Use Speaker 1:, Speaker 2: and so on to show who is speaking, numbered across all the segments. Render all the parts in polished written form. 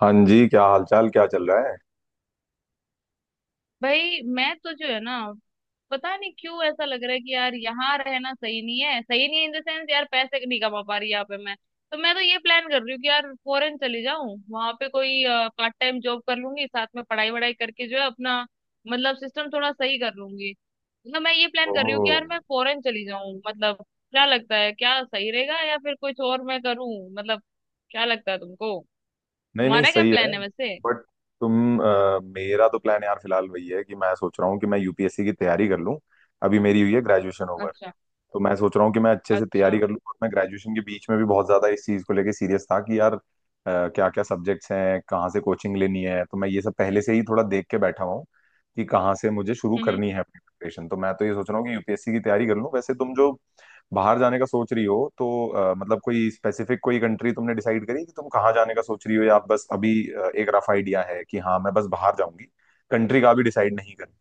Speaker 1: हाँ जी, क्या हालचाल? क्या चल रहा है?
Speaker 2: भाई मैं तो जो है ना, पता नहीं क्यों ऐसा लग रहा है कि यार यहाँ रहना सही नहीं है। सही नहीं है इन द सेंस, यार पैसे नहीं कमा पा रही यहाँ पे मैं। तो ये प्लान कर रही हूँ कि यार फॉरेन चली जाऊँ, वहां पे कोई पार्ट टाइम जॉब कर लूंगी, साथ में पढ़ाई वढ़ाई करके जो है अपना मतलब सिस्टम थोड़ा सही कर लूंगी। मतलब मैं ये प्लान कर रही हूँ कि
Speaker 1: ओह।
Speaker 2: यार मैं फॉरेन चली जाऊँ मतलब। क्या लगता है, क्या सही रहेगा या फिर कुछ और मैं करूँ? मतलब क्या लगता है तुमको?
Speaker 1: नहीं नहीं,
Speaker 2: तुम्हारा क्या
Speaker 1: सही है।
Speaker 2: प्लान है वैसे?
Speaker 1: बट मेरा तो प्लान यार फिलहाल वही है कि मैं सोच रहा हूँ कि मैं यूपीएससी की तैयारी कर लूँ। अभी मेरी हुई है ग्रेजुएशन ओवर।
Speaker 2: अच्छा।
Speaker 1: तो मैं सोच रहा हूँ कि मैं अच्छे से तैयारी
Speaker 2: अच्छा।
Speaker 1: कर लूँ, और मैं ग्रेजुएशन के बीच में भी बहुत ज्यादा इस चीज को लेके सीरियस था कि यार क्या क्या सब्जेक्ट्स हैं, कहाँ से कोचिंग लेनी है। तो मैं ये सब पहले से ही थोड़ा देख के बैठा हुआ हूँ कि कहाँ से मुझे शुरू
Speaker 2: हम्म।
Speaker 1: करनी है अपनी प्रिपरेशन। तो मैं तो ये सोच रहा हूँ कि यूपीएससी की तैयारी कर लूँ। वैसे तुम जो बाहर जाने का सोच रही हो, तो मतलब कोई स्पेसिफिक कोई कंट्री तुमने डिसाइड करी कि तुम कहाँ जाने का सोच रही हो, या बस अभी एक रफ आइडिया है कि हाँ मैं बस बाहर जाऊंगी। कंट्री का भी डिसाइड नहीं करी।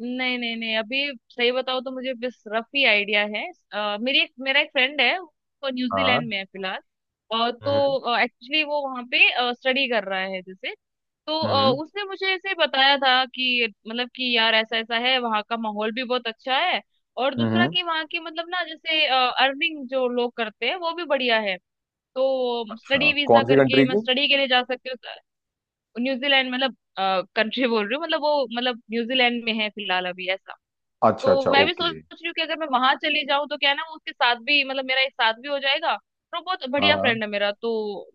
Speaker 2: नहीं नहीं नहीं अभी। सही बताओ तो मुझे बस रफ ही आइडिया है। मेरी एक, मेरा एक फ्रेंड है, वो
Speaker 1: हाँ।
Speaker 2: न्यूजीलैंड में है फिलहाल।
Speaker 1: हम्म।
Speaker 2: तो एक्चुअली वो वहाँ पे स्टडी कर रहा है जैसे। तो
Speaker 1: हम्म।
Speaker 2: उसने मुझे ऐसे बताया था कि मतलब कि यार ऐसा ऐसा है, वहाँ का माहौल भी बहुत अच्छा है। और दूसरा
Speaker 1: हम्म।
Speaker 2: कि वहाँ की मतलब ना, जैसे अर्निंग जो लोग करते हैं वो भी बढ़िया है। तो
Speaker 1: अच्छा,
Speaker 2: स्टडी वीजा
Speaker 1: कौन सी
Speaker 2: करके
Speaker 1: कंट्री
Speaker 2: मैं
Speaker 1: की?
Speaker 2: स्टडी के लिए जा सकती हूँ न्यूजीलैंड, मतलब कंट्री बोल रही हूँ, मतलब वो मतलब न्यूजीलैंड में है फिलहाल अभी ऐसा। तो
Speaker 1: अच्छा अच्छा,
Speaker 2: मैं भी सोच
Speaker 1: ओके।
Speaker 2: रही हूँ कि अगर मैं वहां चली जाऊँ तो क्या है ना, वो उसके साथ भी मतलब मेरा एक साथ भी हो जाएगा और वो बहुत
Speaker 1: हाँ
Speaker 2: बढ़िया
Speaker 1: हाँ,
Speaker 2: फ्रेंड है मेरा, तो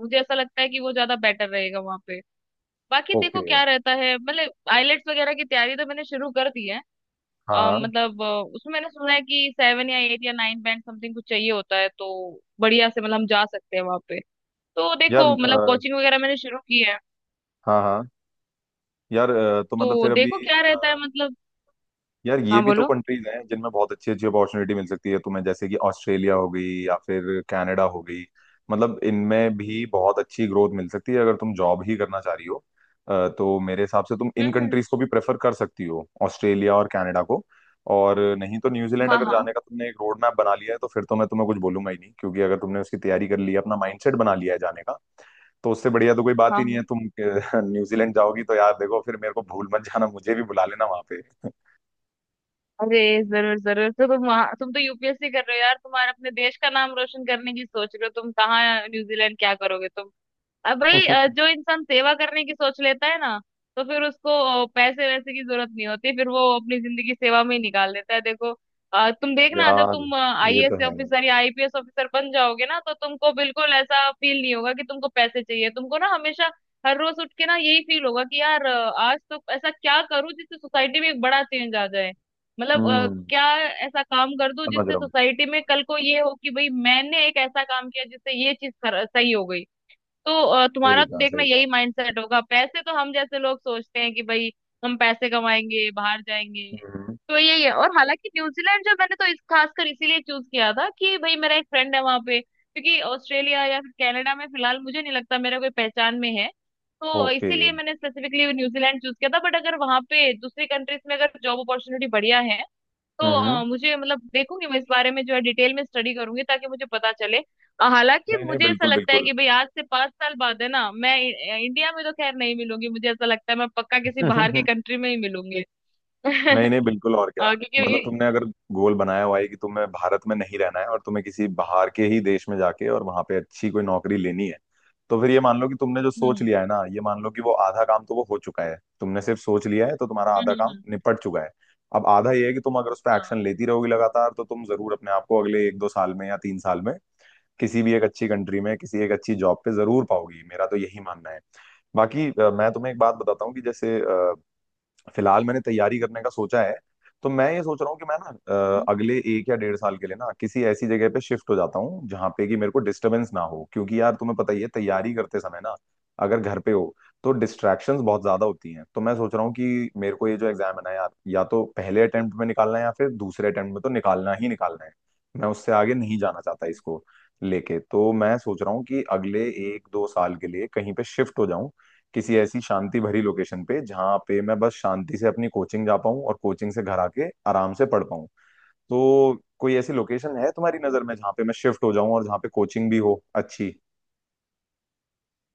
Speaker 2: मुझे ऐसा लगता है कि वो ज्यादा बेटर रहेगा वहां पे। बाकी देखो
Speaker 1: ओके।
Speaker 2: क्या रहता है, मतलब आइलेट्स वगैरह की तैयारी तो मैंने शुरू कर दी है।
Speaker 1: हाँ
Speaker 2: अ,
Speaker 1: हाँ,
Speaker 2: मतलब अ, उसमें मैंने सुना है कि 7 या 8 या 9 बैंड समथिंग कुछ चाहिए होता है, तो बढ़िया से मतलब हम जा सकते हैं वहां पे। तो
Speaker 1: यार
Speaker 2: देखो मतलब कोचिंग वगैरह मैंने शुरू की है।
Speaker 1: हाँ हाँ, यार तो मतलब
Speaker 2: तो
Speaker 1: फिर अभी
Speaker 2: देखो क्या रहता है
Speaker 1: अ,
Speaker 2: मतलब।
Speaker 1: यार ये
Speaker 2: हाँ
Speaker 1: भी तो
Speaker 2: बोलो।
Speaker 1: कंट्रीज हैं जिनमें बहुत अच्छी अच्छी अपॉर्चुनिटी मिल सकती है तुम्हें, जैसे कि ऑस्ट्रेलिया हो गई या फिर कनाडा हो गई। मतलब इनमें भी बहुत अच्छी ग्रोथ मिल सकती है अगर तुम जॉब ही करना चाह रही हो। तो मेरे हिसाब से तुम इन
Speaker 2: हम्म। हम्म।
Speaker 1: कंट्रीज को भी प्रेफर कर सकती हो, ऑस्ट्रेलिया और कनाडा को। और नहीं तो न्यूजीलैंड
Speaker 2: हाँ
Speaker 1: अगर
Speaker 2: हाँ।
Speaker 1: जाने का तुमने एक रोड मैप बना लिया है, तो फिर तो मैं तुम्हें कुछ बोलूंगा ही नहीं, क्योंकि अगर तुमने उसकी तैयारी कर ली है, अपना माइंडसेट बना लिया है जाने का, तो उससे बढ़िया तो कोई बात
Speaker 2: हाँ
Speaker 1: ही नहीं है।
Speaker 2: हाँ।
Speaker 1: तुम न्यूजीलैंड जाओगी तो यार देखो, फिर मेरे को भूल मत जाना, मुझे भी बुला लेना वहां पे।
Speaker 2: अरे, जरूर जरूर। तो तुम वहाँ, तुम तो यूपीएससी कर रहे हो यार, तुम्हारा अपने देश का नाम रोशन करने की सोच रहे हो, तुम कहाँ न्यूजीलैंड क्या करोगे? अब भाई जो इंसान सेवा करने की सोच लेता है ना, तो फिर उसको पैसे वैसे की जरूरत नहीं होती, फिर वो अपनी जिंदगी सेवा में ही निकाल देता है देखो। तुम देखना जब
Speaker 1: यार
Speaker 2: तुम
Speaker 1: ये तो
Speaker 2: आईएएस
Speaker 1: है।
Speaker 2: ऑफिसर या आईपीएस ऑफिसर बन जाओगे ना, तो तुमको बिल्कुल ऐसा फील नहीं होगा कि तुमको पैसे चाहिए। तुमको ना हमेशा हर रोज उठ के ना यही फील होगा कि यार, आज तो ऐसा क्या करूं जिससे सोसाइटी में एक बड़ा चेंज आ जाए। मतलब
Speaker 1: हम्म।
Speaker 2: क्या ऐसा काम कर दूं
Speaker 1: समझ
Speaker 2: जिससे
Speaker 1: रहा हूँ।
Speaker 2: सोसाइटी में कल को ये हो कि भाई, मैंने एक ऐसा काम किया जिससे ये चीज सही हो गई। तो
Speaker 1: सही
Speaker 2: तुम्हारा तो
Speaker 1: कहा,
Speaker 2: देखना
Speaker 1: सही कहा।
Speaker 2: यही माइंडसेट होगा। पैसे तो हम जैसे लोग सोचते हैं कि भाई हम पैसे कमाएंगे, बाहर जाएंगे,
Speaker 1: हम्म।
Speaker 2: तो यही है। और हालांकि न्यूजीलैंड जो मैंने तो इस खासकर इसीलिए चूज किया था कि भाई मेरा एक फ्रेंड है वहां पे, क्योंकि ऑस्ट्रेलिया या फिर कनाडा में फिलहाल मुझे नहीं लगता मेरा कोई पहचान में है। तो
Speaker 1: ओके।
Speaker 2: इसीलिए मैंने स्पेसिफिकली न्यूजीलैंड चूज किया था, बट अगर वहां पे दूसरी कंट्रीज में अगर जॉब अपॉर्चुनिटी बढ़िया है तो
Speaker 1: हम्म।
Speaker 2: मुझे मतलब देखूंगी मैं इस बारे में जो है डिटेल में स्टडी करूंगी ताकि मुझे पता चले। हालांकि
Speaker 1: नहीं नहीं,
Speaker 2: मुझे ऐसा
Speaker 1: बिल्कुल
Speaker 2: लगता है
Speaker 1: बिल्कुल।
Speaker 2: कि भाई आज से 5 साल बाद है ना, मैं इंडिया में तो खैर नहीं मिलूंगी। मुझे ऐसा लगता है मैं पक्का किसी बाहर की कंट्री में ही मिलूंगी।
Speaker 1: नहीं नहीं, बिल्कुल। और क्या। मतलब
Speaker 2: क्योंकि
Speaker 1: तुमने अगर गोल बनाया हुआ है कि तुम्हें भारत में नहीं रहना है और तुम्हें किसी बाहर के ही देश में जाके और वहां पे अच्छी कोई नौकरी लेनी है, तो फिर ये मान लो कि तुमने जो सोच
Speaker 2: हम्म।
Speaker 1: लिया है ना, ये मान लो कि वो आधा काम तो वो हो चुका है। तुमने सिर्फ सोच लिया है तो तुम्हारा
Speaker 2: हम्म।
Speaker 1: आधा काम निपट चुका है। अब आधा ये है कि तुम अगर उस पर एक्शन लेती रहोगी लगातार, तो तुम जरूर अपने आप को अगले एक दो साल में या तीन साल में किसी भी एक अच्छी कंट्री में, किसी एक अच्छी जॉब पे जरूर पाओगी, मेरा तो यही मानना है। बाकी मैं तुम्हें एक बात बताता हूँ कि जैसे फिलहाल मैंने तैयारी करने का सोचा है। तो मैं ये सोच रहा हूँ कि मैं ना अगले एक या डेढ़ साल के लिए ना किसी ऐसी जगह पे शिफ्ट हो जाता हूँ जहाँ पे कि मेरे को डिस्टरबेंस ना हो, क्योंकि यार तुम्हें पता ही है तैयारी करते समय ना अगर घर पे हो तो डिस्ट्रैक्शंस बहुत ज्यादा होती हैं। तो मैं सोच रहा हूँ कि मेरे को ये जो एग्जाम है ना यार, या तो पहले अटेम्प्ट में निकालना है, या फिर दूसरे अटेम्प्ट में तो निकालना ही निकालना है। मैं उससे आगे नहीं जाना चाहता
Speaker 2: हाँ,
Speaker 1: इसको लेके। तो मैं सोच रहा हूँ कि अगले एक दो साल के लिए कहीं पे शिफ्ट हो जाऊं, किसी ऐसी शांति भरी लोकेशन पे जहाँ पे मैं बस शांति से अपनी कोचिंग जा पाऊँ और कोचिंग से घर आके आराम से पढ़ पाऊँ। तो कोई ऐसी लोकेशन है तुम्हारी नजर में जहाँ पे मैं शिफ्ट हो जाऊँ और जहाँ पे कोचिंग भी हो अच्छी?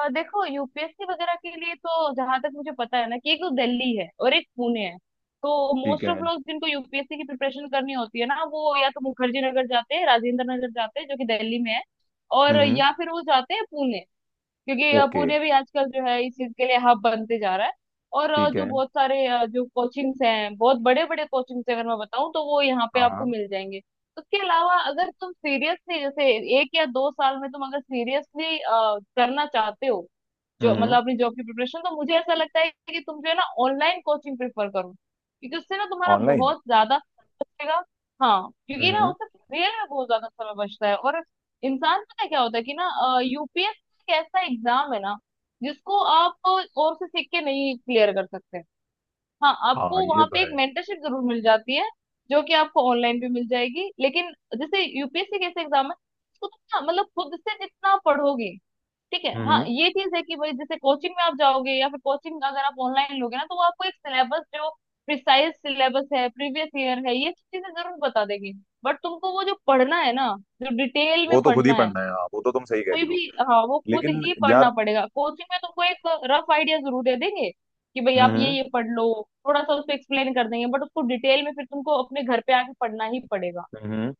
Speaker 2: और देखो यूपीएससी वगैरह के लिए तो जहां तक मुझे पता है ना कि एक तो दिल्ली है और एक पुणे है। तो
Speaker 1: ठीक
Speaker 2: मोस्ट ऑफ
Speaker 1: है।
Speaker 2: लोग जिनको यूपीएससी की प्रिपरेशन करनी होती है ना, वो या तो मुखर्जी नगर जाते हैं, राजेंद्र नगर जाते हैं जो कि दिल्ली में है। और
Speaker 1: हम्म।
Speaker 2: या फिर वो जाते हैं पुणे, क्योंकि
Speaker 1: ओके।
Speaker 2: पुणे भी आजकल जो है इस चीज के लिए हब बनते जा रहा है। और
Speaker 1: ठीक है।
Speaker 2: जो कोचिंग्स हैं, बहुत बड़े बड़े कोचिंग्स अगर मैं बताऊं तो वो यहाँ पे
Speaker 1: हाँ।
Speaker 2: आपको मिल जाएंगे। उसके अलावा अगर तुम सीरियसली, जैसे एक या दो साल में तुम अगर सीरियसली करना चाहते हो जो
Speaker 1: हम्म।
Speaker 2: मतलब अपनी जॉब की प्रिपरेशन, तो मुझे ऐसा लगता है कि तुम जो है ना ऑनलाइन कोचिंग प्रेफर करो, क्योंकि उससे ना तुम्हारा
Speaker 1: ऑनलाइन?
Speaker 2: बहुत ज्यादा बचेगा। हाँ, क्योंकि ना
Speaker 1: हम्म।
Speaker 2: उससे रियल में बहुत ज्यादा समय बचता है। और इंसान पता है क्या होता है कि ना, यूपीएससी एक ऐसा एग्जाम है ना जिसको आप और से सीख के नहीं क्लियर कर सकते। हाँ,
Speaker 1: हाँ,
Speaker 2: आपको
Speaker 1: ये
Speaker 2: वहां
Speaker 1: तो
Speaker 2: पे एक
Speaker 1: है।
Speaker 2: मेंटरशिप जरूर मिल जाती है जो कि आपको ऑनलाइन भी मिल जाएगी, लेकिन जैसे यूपीएससी कैसे एग्जाम है, उसको तुम ना मतलब खुद से जितना पढ़ोगे। ठीक है, हाँ
Speaker 1: हम्म।
Speaker 2: ये चीज है कि भाई जैसे कोचिंग में आप जाओगे या फिर कोचिंग अगर आप ऑनलाइन लोगे ना, तो वो आपको एक सिलेबस जो प्रिसाइज सिलेबस है, प्रीवियस ईयर है, ये चीजें जरूर बता देगी। बट तुमको वो जो पढ़ना है ना, जो डिटेल में
Speaker 1: वो तो खुद ही
Speaker 2: पढ़ना है
Speaker 1: पढ़ना है, हाँ, वो तो तुम सही कह
Speaker 2: कोई
Speaker 1: रही
Speaker 2: भी,
Speaker 1: हो।
Speaker 2: हाँ वो खुद
Speaker 1: लेकिन
Speaker 2: ही
Speaker 1: यार।
Speaker 2: पढ़ना पड़ेगा। कोचिंग में तुमको एक रफ आइडिया जरूर दे देंगे कि भाई आप
Speaker 1: हम्म।
Speaker 2: ये पढ़ लो, थोड़ा सा उसको एक्सप्लेन कर देंगे, बट उसको डिटेल में फिर तुमको अपने घर पे आके पढ़ना ही पड़ेगा।
Speaker 1: हम्म।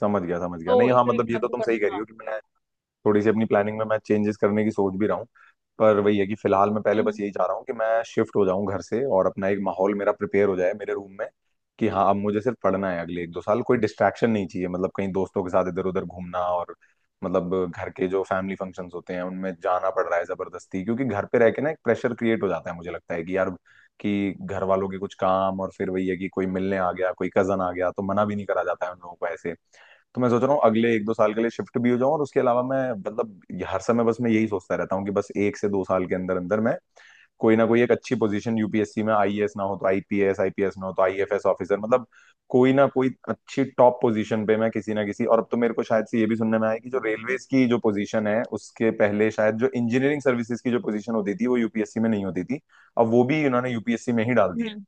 Speaker 1: समझ गया, समझ गया।
Speaker 2: तो
Speaker 1: नहीं
Speaker 2: इस
Speaker 1: हाँ,
Speaker 2: तरीके
Speaker 1: मतलब ये
Speaker 2: से
Speaker 1: तो
Speaker 2: आपको
Speaker 1: तुम सही कह
Speaker 2: करना,
Speaker 1: रही
Speaker 2: हाँ।
Speaker 1: हो कि मैं थोड़ी सी अपनी प्लानिंग में मैं चेंजेस करने की सोच भी रहा हूँ, पर वही है कि फिलहाल मैं पहले बस
Speaker 2: हम्म।
Speaker 1: यही चाह रहा हूँ कि मैं शिफ्ट हो जाऊँ घर से और अपना एक माहौल मेरा प्रिपेयर हो जाए मेरे रूम में कि हाँ अब मुझे सिर्फ पढ़ना है अगले एक दो साल, कोई डिस्ट्रैक्शन नहीं चाहिए। मतलब कहीं दोस्तों के साथ इधर उधर घूमना, और मतलब घर के जो फैमिली फंक्शंस होते हैं उनमें जाना पड़ रहा है जबरदस्ती, क्योंकि घर पे रह के ना एक प्रेशर क्रिएट हो जाता है। मुझे लगता है कि यार कि घर वालों के कुछ काम, और फिर वही है कि कोई मिलने आ गया, कोई कजन आ गया, तो मना भी नहीं करा जाता है उन लोगों को ऐसे। तो मैं सोच रहा हूँ अगले एक दो साल के लिए शिफ्ट भी हो जाऊँ। और उसके अलावा मैं मतलब हर समय बस मैं यही सोचता रहता हूँ कि बस एक से दो साल के अंदर अंदर मैं कोई ना कोई एक अच्छी पोजीशन यूपीएससी में, आईएएस ना हो तो आईपीएस, आईपीएस ना हो तो आईएफएस ऑफिसर, मतलब कोई ना कोई अच्छी टॉप पोजीशन पे मैं किसी ना किसी। और अब तो मेरे को शायद से ये भी सुनने में आया कि जो रेलवेज की जो पोजीशन है, उसके पहले शायद, जो इंजीनियरिंग सर्विसेज की जो पोजीशन होती थी वो यूपीएससी में नहीं होती थी, अब वो भी उन्होंने यूपीएससी में ही डाल दी है।
Speaker 2: हम्म,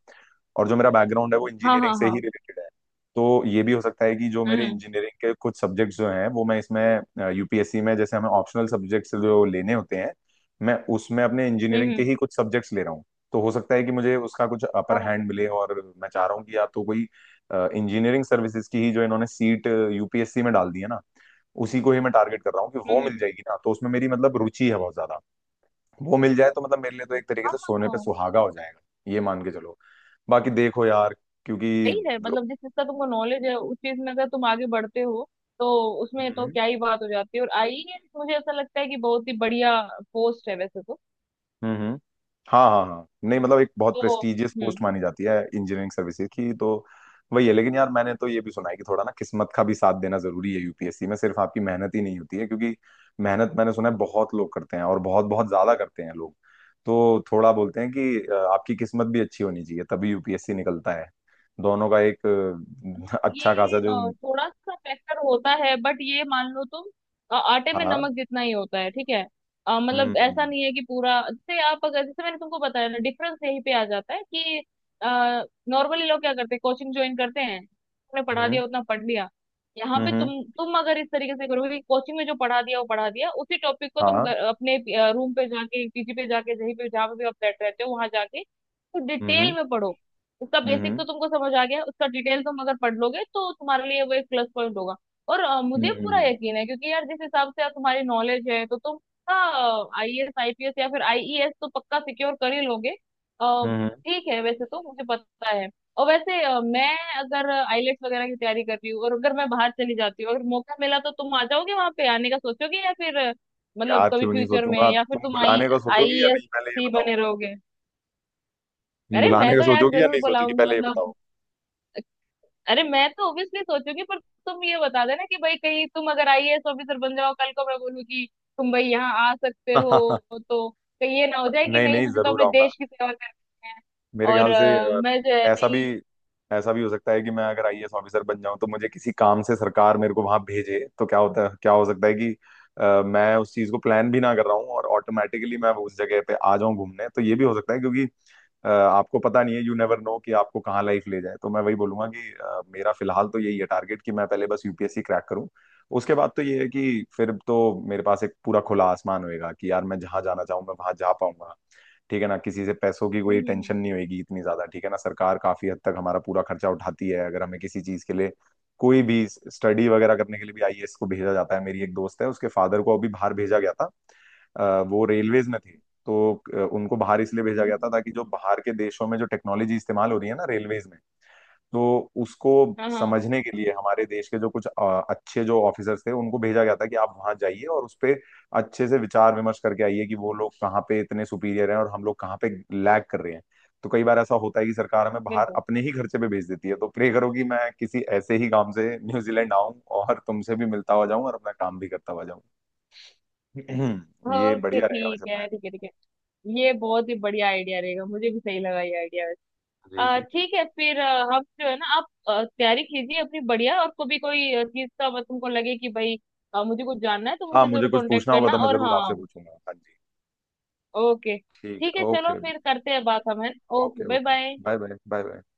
Speaker 1: और जो मेरा बैकग्राउंड है वो
Speaker 2: हाँ
Speaker 1: इंजीनियरिंग
Speaker 2: हाँ
Speaker 1: से
Speaker 2: हाँ।
Speaker 1: ही रिलेटेड है, तो ये भी हो सकता है कि जो मेरे
Speaker 2: हम्म।
Speaker 1: इंजीनियरिंग के कुछ सब्जेक्ट्स जो हैं वो मैं इसमें यूपीएससी में, जैसे हमें ऑप्शनल सब्जेक्ट्स जो लेने होते हैं, मैं उसमें अपने
Speaker 2: हम्म
Speaker 1: इंजीनियरिंग के
Speaker 2: हम्म,
Speaker 1: ही कुछ सब्जेक्ट्स ले रहा हूँ। तो हो सकता है कि मुझे उसका कुछ अपर
Speaker 2: हाँ
Speaker 1: हैंड मिले, और मैं चाह रहा हूँ कि या तो कोई इंजीनियरिंग सर्विसेज की ही जो इन्होंने सीट यूपीएससी में डाल दी है ना, उसी को ही मैं टारगेट कर रहा हूँ कि
Speaker 2: हम्म।
Speaker 1: वो मिल
Speaker 2: हम्म।
Speaker 1: जाएगी ना, तो उसमें मेरी मतलब रुचि है बहुत ज्यादा। वो मिल जाए तो मतलब मेरे लिए तो एक तरीके से सोने पे
Speaker 2: हाँ,
Speaker 1: सुहागा हो जाएगा, ये मान के चलो। बाकी देखो यार, क्योंकि
Speaker 2: सही है।
Speaker 1: लोग।
Speaker 2: मतलब जिस चीज का तुमको नॉलेज है उस चीज में अगर तुम आगे बढ़ते हो, तो उसमें तो
Speaker 1: हम्म।
Speaker 2: क्या ही बात हो जाती है। और आईएएस मुझे ऐसा लगता है कि बहुत ही बढ़िया पोस्ट है वैसे तो।
Speaker 1: हम्म। हाँ हाँ हाँ, नहीं मतलब एक बहुत
Speaker 2: तो
Speaker 1: प्रेस्टिजियस पोस्ट
Speaker 2: हम्म।
Speaker 1: मानी जाती है इंजीनियरिंग सर्विसेज की, तो वही है। लेकिन यार मैंने तो ये भी सुना है कि थोड़ा ना किस्मत का भी साथ देना जरूरी है, यूपीएससी में सिर्फ आपकी मेहनत ही नहीं होती है, क्योंकि मेहनत मैंने सुना है बहुत लोग करते हैं, और बहुत बहुत ज्यादा करते हैं लोग। तो थोड़ा बोलते हैं कि आपकी किस्मत भी अच्छी होनी चाहिए तभी यूपीएससी निकलता है। दोनों का एक
Speaker 2: हाँ,
Speaker 1: अच्छा
Speaker 2: ये
Speaker 1: खासा जो।
Speaker 2: थोड़ा सा फैक्टर होता है, बट ये मान लो तुम आटे में
Speaker 1: हाँ।
Speaker 2: नमक जितना ही होता है ठीक है। मतलब ऐसा
Speaker 1: हम्म।
Speaker 2: नहीं है कि पूरा, जैसे आप अगर जैसे मैंने तुमको बताया ना डिफरेंस यहीं पे आ जाता है कि नॉर्मली लोग क्या करते हैं कोचिंग ज्वाइन करते हैं, तुमने पढ़ा
Speaker 1: हम्म।
Speaker 2: दिया उतना पढ़ लिया। यहाँ पे
Speaker 1: हम्म।
Speaker 2: तुम अगर इस तरीके से करोगे, कोचिंग में जो पढ़ा दिया वो पढ़ा दिया, उसी टॉपिक को तुम
Speaker 1: हाँ।
Speaker 2: अपने रूम पे जाके, पीजी पे जाके, जहीं पे जहाँ पे भी आप बैठ रहते हो वहां जाके तो
Speaker 1: हम्म।
Speaker 2: डिटेल में पढ़ो। उसका बेसिक
Speaker 1: हम्म।
Speaker 2: तो तुमको समझ आ गया, उसका डिटेल तुम अगर पढ़ लोगे तो तुम्हारे लिए वो एक प्लस पॉइंट होगा। और मुझे पूरा
Speaker 1: हम्म।
Speaker 2: यकीन है क्योंकि यार जिस हिसाब से यार तुम्हारी नॉलेज है, तो तुम आईएएस, आईपीएस या फिर आईईएस तो पक्का सिक्योर कर ही लोगे। अ,
Speaker 1: हम्म।
Speaker 2: ठीक है वैसे तो मुझे पता है। और वैसे मैं अगर आईलेट्स वगैरह की तैयारी कर रही हूँ और अगर मैं बाहर चली जाती हूँ अगर मौका मिला, तो तुम आ जाओगे वहां पे आने का सोचोगे? या फिर मतलब
Speaker 1: यार
Speaker 2: कभी
Speaker 1: क्यों नहीं
Speaker 2: फ्यूचर में,
Speaker 1: सोचूंगा?
Speaker 2: या फिर
Speaker 1: तुम
Speaker 2: तुम आई
Speaker 1: बुलाने का सोचोगी या
Speaker 2: आईएएस
Speaker 1: नहीं, पहले ये
Speaker 2: ही
Speaker 1: बताओ।
Speaker 2: बने रहोगे?
Speaker 1: तुम
Speaker 2: अरे मैं
Speaker 1: बुलाने का
Speaker 2: तो यार
Speaker 1: सोचोगी या
Speaker 2: जरूर
Speaker 1: नहीं सोचोगी,
Speaker 2: बुलाऊंगी
Speaker 1: पहले ये
Speaker 2: मतलब।
Speaker 1: बताओ।
Speaker 2: अरे मैं तो ऑब्वियसली सोचूंगी, पर तुम ये बता देना कि भाई कहीं तुम अगर आईएएस ऑफिसर बन जाओ, कल को मैं बोलूँ कि तुम भाई यहाँ आ सकते हो, तो कहीं ये ना हो जाए कि
Speaker 1: नहीं
Speaker 2: नहीं
Speaker 1: नहीं,
Speaker 2: मुझे तो
Speaker 1: जरूर
Speaker 2: अपने
Speaker 1: आऊंगा।
Speaker 2: देश की सेवा करनी है।
Speaker 1: मेरे
Speaker 2: और
Speaker 1: ख्याल से अ,
Speaker 2: मैं जो है
Speaker 1: ऐसा भी,
Speaker 2: नहीं
Speaker 1: ऐसा भी हो सकता है कि मैं अगर आईएएस ऑफिसर बन जाऊं तो मुझे किसी काम से सरकार मेरे को वहां भेजे, तो क्या होता है, क्या हो सकता है कि मैं उस चीज को प्लान भी ना कर रहा हूँ और ऑटोमेटिकली मैं उस जगह पे आ जाऊं घूमने, तो ये भी हो सकता है। क्योंकि आपको पता नहीं है, यू नेवर नो कि आपको कहाँ लाइफ ले जाए। तो मैं वही बोलूंगा कि मेरा फिलहाल तो यही है टारगेट कि मैं पहले बस यूपीएससी क्रैक करूँ। उसके बाद तो ये है कि फिर तो मेरे पास एक पूरा खुला आसमान होएगा कि यार मैं जहाँ जाना चाहूँ मैं वहां जा पाऊंगा, ठीक है ना? किसी से पैसों की कोई
Speaker 2: हम्म।
Speaker 1: टेंशन नहीं होगी इतनी ज्यादा, ठीक है ना? सरकार काफी हद तक हमारा पूरा खर्चा उठाती है अगर हमें किसी चीज के लिए कोई भी स्टडी वगैरह करने के लिए भी आईएएस को भेजा जाता है। मेरी एक दोस्त है, उसके फादर को अभी बाहर भेजा गया था। वो रेलवेज में थे। तो उनको बाहर इसलिए भेजा गया
Speaker 2: हम्म,
Speaker 1: था ताकि जो बाहर के देशों में जो टेक्नोलॉजी इस्तेमाल हो रही है ना रेलवेज में, तो उसको
Speaker 2: हाँ हाँ
Speaker 1: समझने के लिए हमारे देश के जो कुछ अच्छे जो ऑफिसर्स थे उनको भेजा गया था कि आप वहां जाइए और उस पे अच्छे से विचार विमर्श करके आइए कि वो लोग कहाँ पे इतने सुपीरियर हैं और हम लोग कहाँ पे लैग कर रहे हैं। तो कई बार ऐसा होता है कि सरकार हमें बाहर
Speaker 2: बिल्कुल।
Speaker 1: अपने ही खर्चे पे भेज देती है। तो प्रे करो कि मैं किसी ऐसे ही काम से न्यूजीलैंड आऊं और तुमसे भी मिलता हुआ जाऊं और अपना काम भी करता हुआ जाऊं। ये
Speaker 2: ओके
Speaker 1: बढ़िया रहेगा
Speaker 2: ठीक
Speaker 1: वैसे प्लान।
Speaker 2: है ठीक है ठीक है, ये बहुत ही बढ़िया आइडिया रहेगा, मुझे भी सही लगा ये आइडिया।
Speaker 1: जी जी जी।
Speaker 2: ठीक है फिर हम जो है ना, आप तैयारी कीजिए अपनी बढ़िया, और कभी कोई चीज का अगर तुमको लगे कि भाई मुझे कुछ जानना है तो
Speaker 1: हाँ
Speaker 2: मुझे
Speaker 1: मुझे
Speaker 2: जरूर
Speaker 1: कुछ
Speaker 2: कांटेक्ट
Speaker 1: पूछना होगा
Speaker 2: करना,
Speaker 1: तो मैं
Speaker 2: और
Speaker 1: जरूर
Speaker 2: हाँ।
Speaker 1: आपसे पूछूंगा, हाँ जी।
Speaker 2: ओके
Speaker 1: ठीक
Speaker 2: ठीक
Speaker 1: है,
Speaker 2: है, चलो
Speaker 1: ओके।
Speaker 2: फिर करते हैं बात हम है। Okay
Speaker 1: okay.
Speaker 2: Bye
Speaker 1: okay
Speaker 2: bye.
Speaker 1: Bye bye. Bye bye